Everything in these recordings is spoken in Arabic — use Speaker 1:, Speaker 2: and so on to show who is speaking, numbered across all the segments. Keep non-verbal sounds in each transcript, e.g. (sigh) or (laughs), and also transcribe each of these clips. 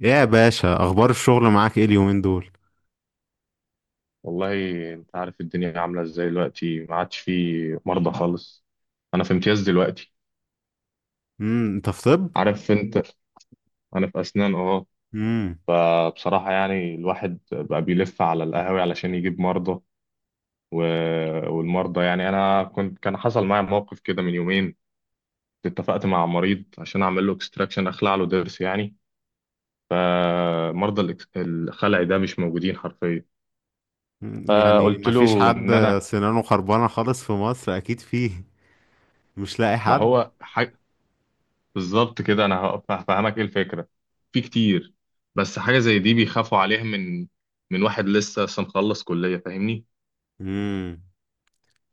Speaker 1: يا باشا، اخبار الشغل معاك ايه اليومين دول؟
Speaker 2: والله، انت عارف الدنيا عامله ازاي دلوقتي. ما عادش في مرضى خالص. انا في امتياز دلوقتي،
Speaker 1: انت في طب؟
Speaker 2: عارف انت. انا في اسنان، اه.
Speaker 1: امم
Speaker 2: فبصراحه يعني الواحد بقى بيلف على القهاوي علشان يجيب مرضى و... والمرضى يعني. انا كنت، كان حصل معايا موقف كده من يومين. اتفقت مع مريض عشان اعمل له اكستراكشن، اخلع له ضرس يعني. فمرضى الخلع ده مش موجودين حرفيا.
Speaker 1: يعني
Speaker 2: فقلت
Speaker 1: ما فيش
Speaker 2: له
Speaker 1: حد
Speaker 2: ان انا
Speaker 1: سنانه خربانه خالص في مصر؟ اكيد فيه. مش لاقي
Speaker 2: ما
Speaker 1: حد؟
Speaker 2: هو ح... بالظبط كده. انا هفهمك ايه الفكره. في كتير، بس حاجه زي دي بيخافوا عليها من من واحد لسه مخلص كليه، فاهمني.
Speaker 1: امم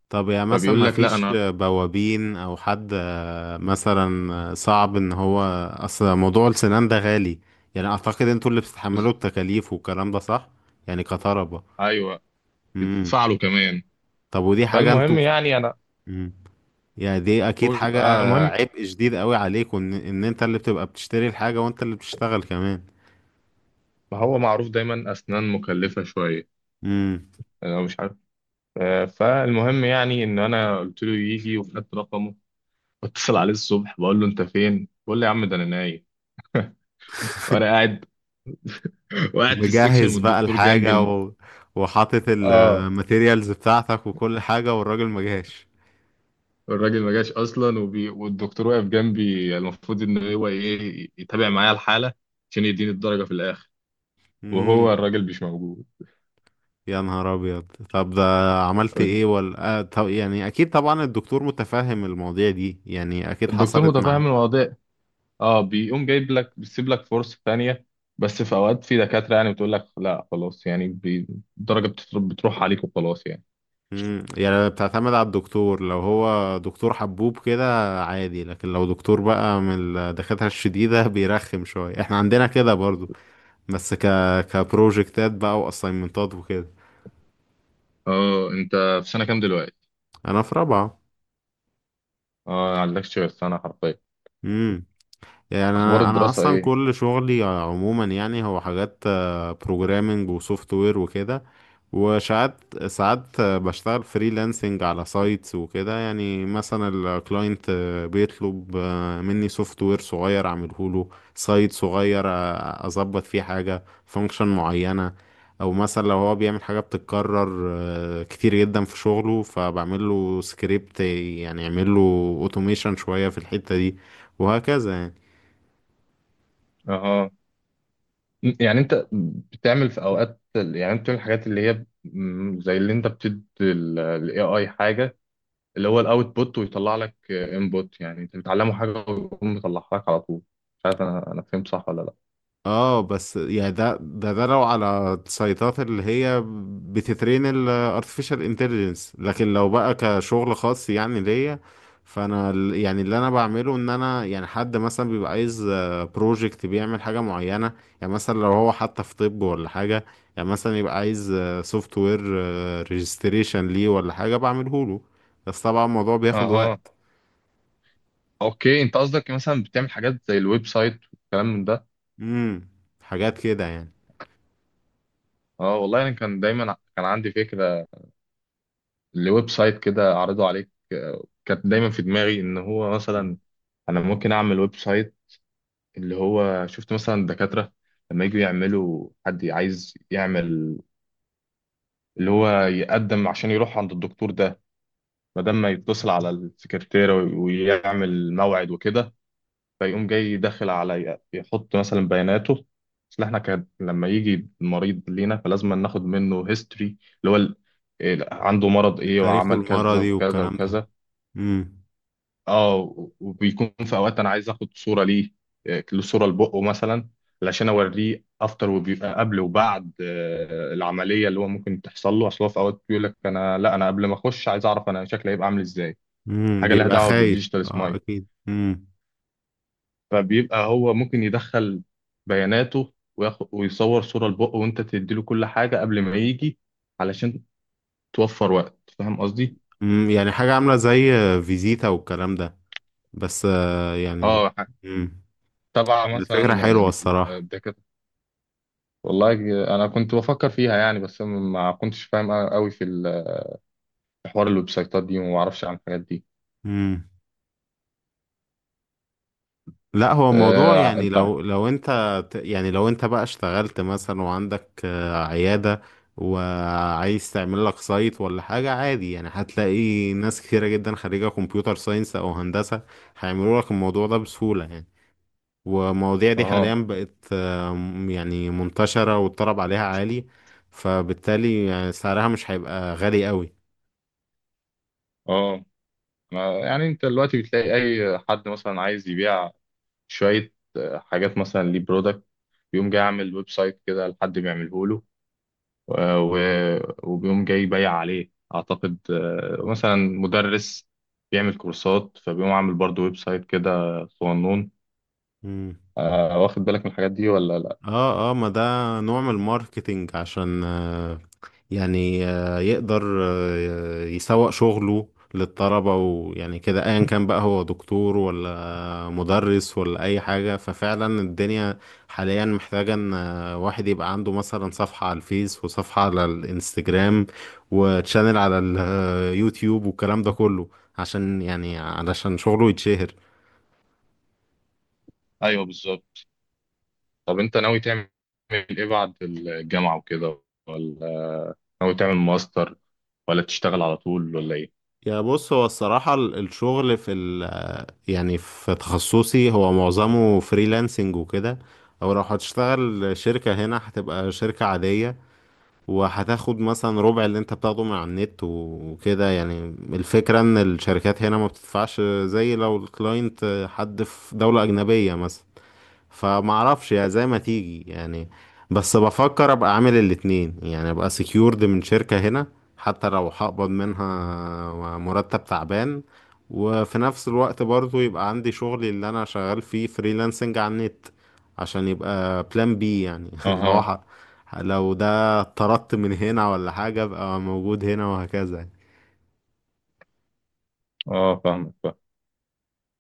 Speaker 1: طب يعني مثلا
Speaker 2: فبيقول
Speaker 1: ما
Speaker 2: لك لا،
Speaker 1: فيش
Speaker 2: انا
Speaker 1: بوابين او حد، مثلا صعب ان هو. اصل موضوع السنان ده غالي، يعني اعتقد انتوا اللي
Speaker 2: بز...
Speaker 1: بتتحملوا التكاليف والكلام ده، صح؟ يعني كطلبة.
Speaker 2: ايوه،
Speaker 1: امم
Speaker 2: بتدفع له كمان.
Speaker 1: طب ودي حاجه انتوا،
Speaker 2: فالمهم يعني انا،
Speaker 1: يعني دي اكيد حاجة
Speaker 2: المهم
Speaker 1: عبء شديد قوي عليك، وان انت اللي بتبقى بتشتري الحاجة وانت اللي بتشتغل كمان.
Speaker 2: ما هو معروف دايما اسنان مكلفه شويه.
Speaker 1: امم
Speaker 2: انا مش عارف. فالمهم يعني ان انا قلت له يجي، وخدت رقمه، واتصل عليه الصبح بقول له انت فين، بيقول لي يا عم ده انا نايم. وانا قاعد (laughs) وقاعد في السكشن
Speaker 1: مجهز بقى
Speaker 2: والدكتور جنبي
Speaker 1: الحاجة وحاطط
Speaker 2: اه.
Speaker 1: الماتيريالز بتاعتك وكل حاجة، والراجل ما جاش.
Speaker 2: الراجل ما جاش اصلا، والدكتور واقف جنبي، المفروض ان هو ايه، يتابع معايا الحاله عشان يديني الدرجه في الاخر،
Speaker 1: امم
Speaker 2: وهو الراجل مش موجود.
Speaker 1: يا نهار ابيض، طب ده عملت ايه؟ ولا طب يعني اكيد طبعا الدكتور متفهم المواضيع دي، يعني اكيد
Speaker 2: الدكتور
Speaker 1: حصلت مع.
Speaker 2: متفاهم الوضع، اه. بيقوم جايب لك، بيسيب لك فرصه ثانيه. بس في اوقات في دكاتره يعني بتقول لك لا خلاص يعني الدرجه بتروح عليك وخلاص يعني.
Speaker 1: يعني بتعتمد على الدكتور، لو هو دكتور حبوب كده عادي، لكن لو دكتور بقى من الدكاترة الشديدة (laughs) بيرخم شوية. احنا عندنا كده برضو، بس كبروجكتات بقى واساينمنتات وكده.
Speaker 2: اه، انت في سنه كام دلوقتي؟
Speaker 1: انا في رابعة.
Speaker 2: اه، ما عندكش غير سنه حرفيا.
Speaker 1: امم يعني
Speaker 2: اخبار
Speaker 1: انا
Speaker 2: الدراسه
Speaker 1: اصلا
Speaker 2: ايه؟
Speaker 1: كل شغلي عموما يعني هو حاجات بروجرامنج وسوفت وير وكده. وساعات ساعات بشتغل فريلانسنج على سايتس وكده، يعني مثلا الكلاينت بيطلب مني سوفت وير صغير اعمله له، سايت صغير اظبط فيه حاجة، فانكشن معينة. او مثلا لو هو بيعمل حاجة بتتكرر كتير جدا في شغله، فبعمل له سكريبت، يعني يعمل له اوتوميشن شوية في الحتة دي، وهكذا يعني.
Speaker 2: اه. يعني انت بتعمل في اوقات، يعني انت بتعمل الحاجات اللي هي زي اللي انت بتدي الاي اي حاجه، اللي هو الاوتبوت، ويطلع لك انبوت. يعني انت بتعلمه حاجه ويقوم مطلعها لك على طول. مش عارف انا فهمت صح ولا لا؟
Speaker 1: اه، بس يعني ده لو على السيطات اللي هي بتترين ال artificial intelligence. لكن لو بقى كشغل خاص يعني ليا، فانا يعني اللي انا بعمله ان انا، يعني حد مثلا بيبقى عايز بروجكت بيعمل حاجة معينة. يعني مثلا لو هو حتى في طب ولا حاجة، يعني مثلا يبقى عايز سوفت وير ريجستريشن ليه ولا حاجة بعمله له. بس طبعا الموضوع بياخد
Speaker 2: اها،
Speaker 1: وقت.
Speaker 2: اوكي. انت قصدك مثلا بتعمل حاجات زي الويب سايت والكلام من ده.
Speaker 1: امم حاجات كده يعني.
Speaker 2: اه والله انا كان دايما كان عندي فكره لويب سايت كده اعرضه عليك. كانت دايما في دماغي ان هو مثلا انا ممكن اعمل ويب سايت، اللي هو شفت مثلا الدكاترة لما يجوا يعملوا، حد عايز يعمل اللي هو يقدم عشان يروح عند الدكتور ده بدل ما يتصل على السكرتيرة ويعمل موعد وكده. فيقوم جاي داخل على، يحط مثلا بياناته. اصل احنا كان لما يجي المريض لينا فلازم ناخد منه هيستوري، اللي هو ال- إيه،
Speaker 1: مم.
Speaker 2: عنده مرض ايه
Speaker 1: التاريخ
Speaker 2: وعمل كذا
Speaker 1: المرضي
Speaker 2: وكذا
Speaker 1: والكلام ده.
Speaker 2: وكذا.
Speaker 1: امم
Speaker 2: اه، وبيكون في اوقات انا عايز اخد صوره ليه، له صوره لبقه مثلا، علشان اوريه افتر. وبيبقى قبل وبعد العمليه اللي هو ممكن تحصل له. اصل هو في اوقات بيقول لك انا، لا، انا قبل ما اخش عايز اعرف انا شكلي هيبقى عامل ازاي. حاجه لها
Speaker 1: بيبقى
Speaker 2: دعوه
Speaker 1: خايف،
Speaker 2: بالديجيتال
Speaker 1: اه
Speaker 2: سمايل.
Speaker 1: اكيد.
Speaker 2: فبيبقى هو ممكن يدخل بياناته، وياخد ويصور صوره لبقه، وانت تديله كل حاجه قبل ما يجي علشان توفر وقت. فاهم قصدي؟
Speaker 1: يعني حاجة عاملة زي فيزيتا والكلام ده، بس يعني.
Speaker 2: اه
Speaker 1: امم
Speaker 2: طبعا. مثلا
Speaker 1: الفكرة حلوة الصراحة.
Speaker 2: والله انا كنت بفكر فيها يعني، بس ما كنتش فاهم قوي في في حوار الويب سايتات دي، وما اعرفش عن الحاجات دي.
Speaker 1: امم لا، هو موضوع يعني،
Speaker 2: انت
Speaker 1: لو انت يعني لو انت بقى اشتغلت مثلا وعندك عيادة، وعايز تعمل لك سايت ولا حاجة، عادي يعني هتلاقي ناس كتيرة جدا خريجة كمبيوتر ساينس او هندسة هيعملوا لك الموضوع ده بسهولة يعني. والمواضيع دي حاليا
Speaker 2: اه
Speaker 1: بقت يعني منتشرة، والطلب عليها عالي، فبالتالي يعني سعرها مش هيبقى غالي قوي.
Speaker 2: اه. يعني انت دلوقتي بتلاقي اي حد مثلا عايز يبيع شوية حاجات، مثلا ليه برودكت، بيقوم جاي عامل ويب سايت كده، لحد بيعمله له، وبيقوم جاي يبيع عليه. اعتقد مثلا مدرس بيعمل كورسات فبيقوم عامل برضه ويب سايت كده صغنون.
Speaker 1: مم.
Speaker 2: واخد بالك من الحاجات دي ولا لا؟
Speaker 1: اه اه، ما ده نوع من الماركتينج عشان يعني يقدر يسوق شغله للطلبة، ويعني كده ايا كان بقى هو دكتور ولا مدرس ولا اي حاجة. ففعلا الدنيا حاليا محتاجة ان واحد يبقى عنده مثلا صفحة على الفيس، وصفحة على الانستجرام، وتشانل على اليوتيوب، والكلام ده كله، عشان يعني علشان شغله يتشهر.
Speaker 2: ايوه بالظبط. طب انت ناوي تعمل ايه بعد الجامعة وكده، ولا ناوي تعمل ماستر، ولا تشتغل على طول، ولا ايه؟
Speaker 1: يا بص، هو الصراحة الشغل في، يعني في تخصصي، هو معظمه فريلانسنج وكده، او لو هتشتغل شركة هنا هتبقى شركة عادية وهتاخد مثلا ربع اللي انت بتاخده من على النت وكده يعني. الفكرة ان الشركات هنا ما بتدفعش زي لو الكلاينت حد في دولة اجنبية مثلا، فمعرفش، يا زي ما تيجي يعني. بس بفكر ابقى عامل الاتنين، يعني ابقى سكيورد من شركة هنا حتى لو هقبض منها مرتب تعبان، وفي نفس الوقت برضو يبقى عندي شغلي اللي انا شغال فيه فريلانسنج على النت، عشان يبقى بلان بي يعني. (laughs)
Speaker 2: اها.
Speaker 1: لو ده طردت من هنا ولا حاجة ابقى موجود هنا، وهكذا.
Speaker 2: اه فاهمك، فاهم.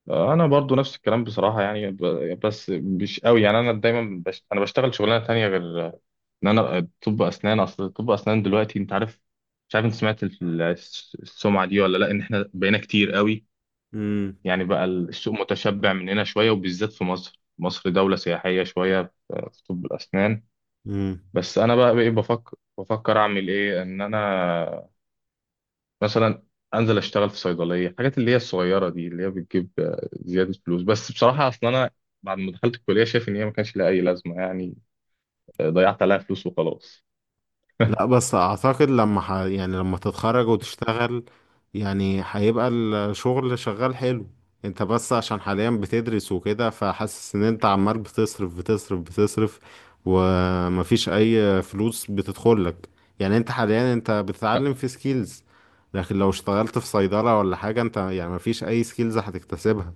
Speaker 2: انا برضو نفس الكلام بصراحه يعني، بس مش قوي يعني. انا دايما انا بشتغل شغلانه تانية غير ان انا طب اسنان. اصل طب اسنان دلوقتي، انت عارف، مش عارف انت سمعت السمعه دي ولا لا، ان احنا بقينا كتير قوي يعني، بقى السوق متشبع مننا شويه، وبالذات في مصر. مصر دوله سياحيه شويه في في طب الاسنان.
Speaker 1: امم
Speaker 2: بس انا بقى ايه، بفكر بفكر اعمل ايه؟ ان انا مثلا انزل اشتغل في صيدليه، الحاجات اللي هي الصغيره دي اللي هي بتجيب زياده فلوس. بس بصراحه اصل انا بعد ما دخلت الكليه شايف ان هي ما كانش لها اي لازمه يعني. ضيعت عليها فلوس وخلاص.
Speaker 1: لا، بس اعتقد لما يعني لما تتخرج وتشتغل يعني هيبقى الشغل شغال حلو. انت بس عشان حاليا بتدرس وكده، فحاسس ان انت عمال بتصرف بتصرف بتصرف ومفيش اي فلوس بتدخلك. يعني انت حاليا انت بتتعلم في سكيلز، لكن لو اشتغلت في صيدلة ولا حاجة انت يعني مفيش اي سكيلز هتكتسبها.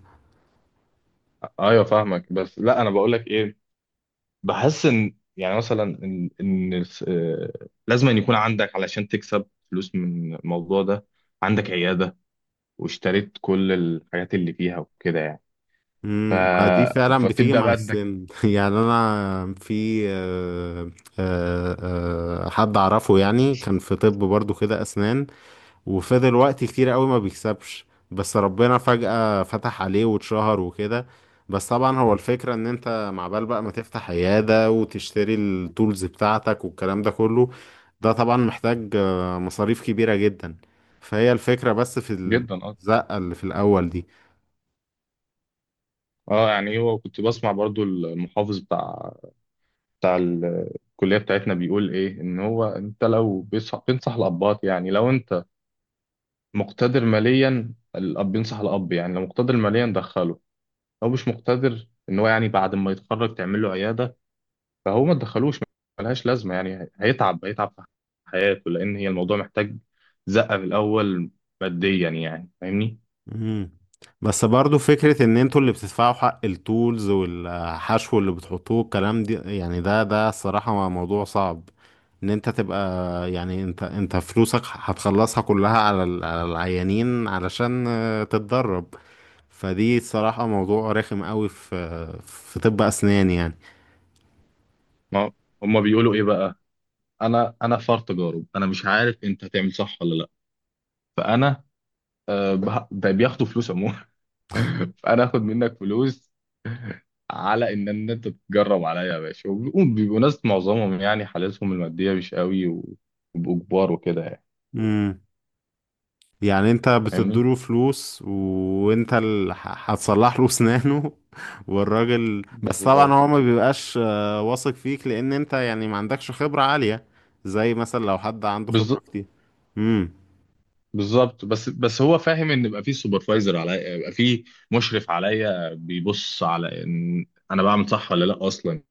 Speaker 2: ايوه فاهمك، بس لا انا بقول لك ايه. بحس ان يعني مثلا ان ان الس- آه، لازم أن يكون عندك، علشان تكسب فلوس من الموضوع ده، عندك عياده، واشتريت كل الحاجات اللي فيها وكده يعني. ف...
Speaker 1: ما دي فعلا بتيجي
Speaker 2: فبتبدا
Speaker 1: مع
Speaker 2: بقى انك
Speaker 1: السن. (laughs) يعني انا في آه، حد اعرفه يعني كان في طب برضو كده اسنان، وفضل وقت كتير قوي ما بيكسبش، بس ربنا فجأة فتح عليه واتشهر وكده. بس طبعا هو الفكرة ان انت مع بال بقى ما تفتح عيادة وتشتري التولز بتاعتك والكلام ده كله، ده طبعا محتاج مصاريف كبيرة جدا. فهي الفكرة بس في
Speaker 2: جدا.
Speaker 1: الزقة اللي في الاول دي.
Speaker 2: اه، يعني هو كنت بسمع برضو المحافظ بتاع الكلية بتاعتنا بيقول ايه، ان هو انت لو بينصح الابات يعني، لو انت مقتدر ماليا، الاب بينصح الاب يعني، لو مقتدر ماليا دخله. لو مش مقتدر، ان هو يعني بعد ما يتخرج تعمل له عيادة، فهو ما تدخلوش ملهاش لازمة يعني، هيتعب هيتعب في حياته، لان هي الموضوع محتاج زقة في الاول ماديا يعني، فاهمني.
Speaker 1: مم. بس برضو فكرة ان انتوا اللي بتدفعوا حق التولز والحشو اللي بتحطوه الكلام دي، يعني ده الصراحة موضوع صعب، ان انت تبقى يعني، انت فلوسك هتخلصها كلها على على العيانين علشان تتدرب. فدي الصراحة موضوع رخم قوي في طب اسنان.
Speaker 2: ما هما بيقولوا ايه بقى، انا فار تجارب، انا مش عارف انت هتعمل صح ولا لا، فانا ده بياخدوا فلوس عموما. (laughs) فانا اخد منك فلوس على ان إن انت تتجرب عليا يا باشا. وبيبقوا بيبقوا ناس معظمهم يعني حالتهم الماديه مش قوي، وبيبقوا كبار وكده يعني،
Speaker 1: يعني يعني انت
Speaker 2: فاهمني.
Speaker 1: بتديله فلوس وانت اللي هتصلح له اسنانه. (laughs) والراجل بس طبعا
Speaker 2: بالظبط.
Speaker 1: هو ما بيبقاش واثق فيك، لان انت يعني ما عندكش خبرة عالية، زي مثلا لو حد عنده خبرة
Speaker 2: بالظ-
Speaker 1: كتير.
Speaker 2: بالظبط، بس بس هو فاهم ان يبقى في سوبرفايزر عليا، يبقى في مشرف عليا، بيبص على ان انا بعمل صح ولا لا اصلا.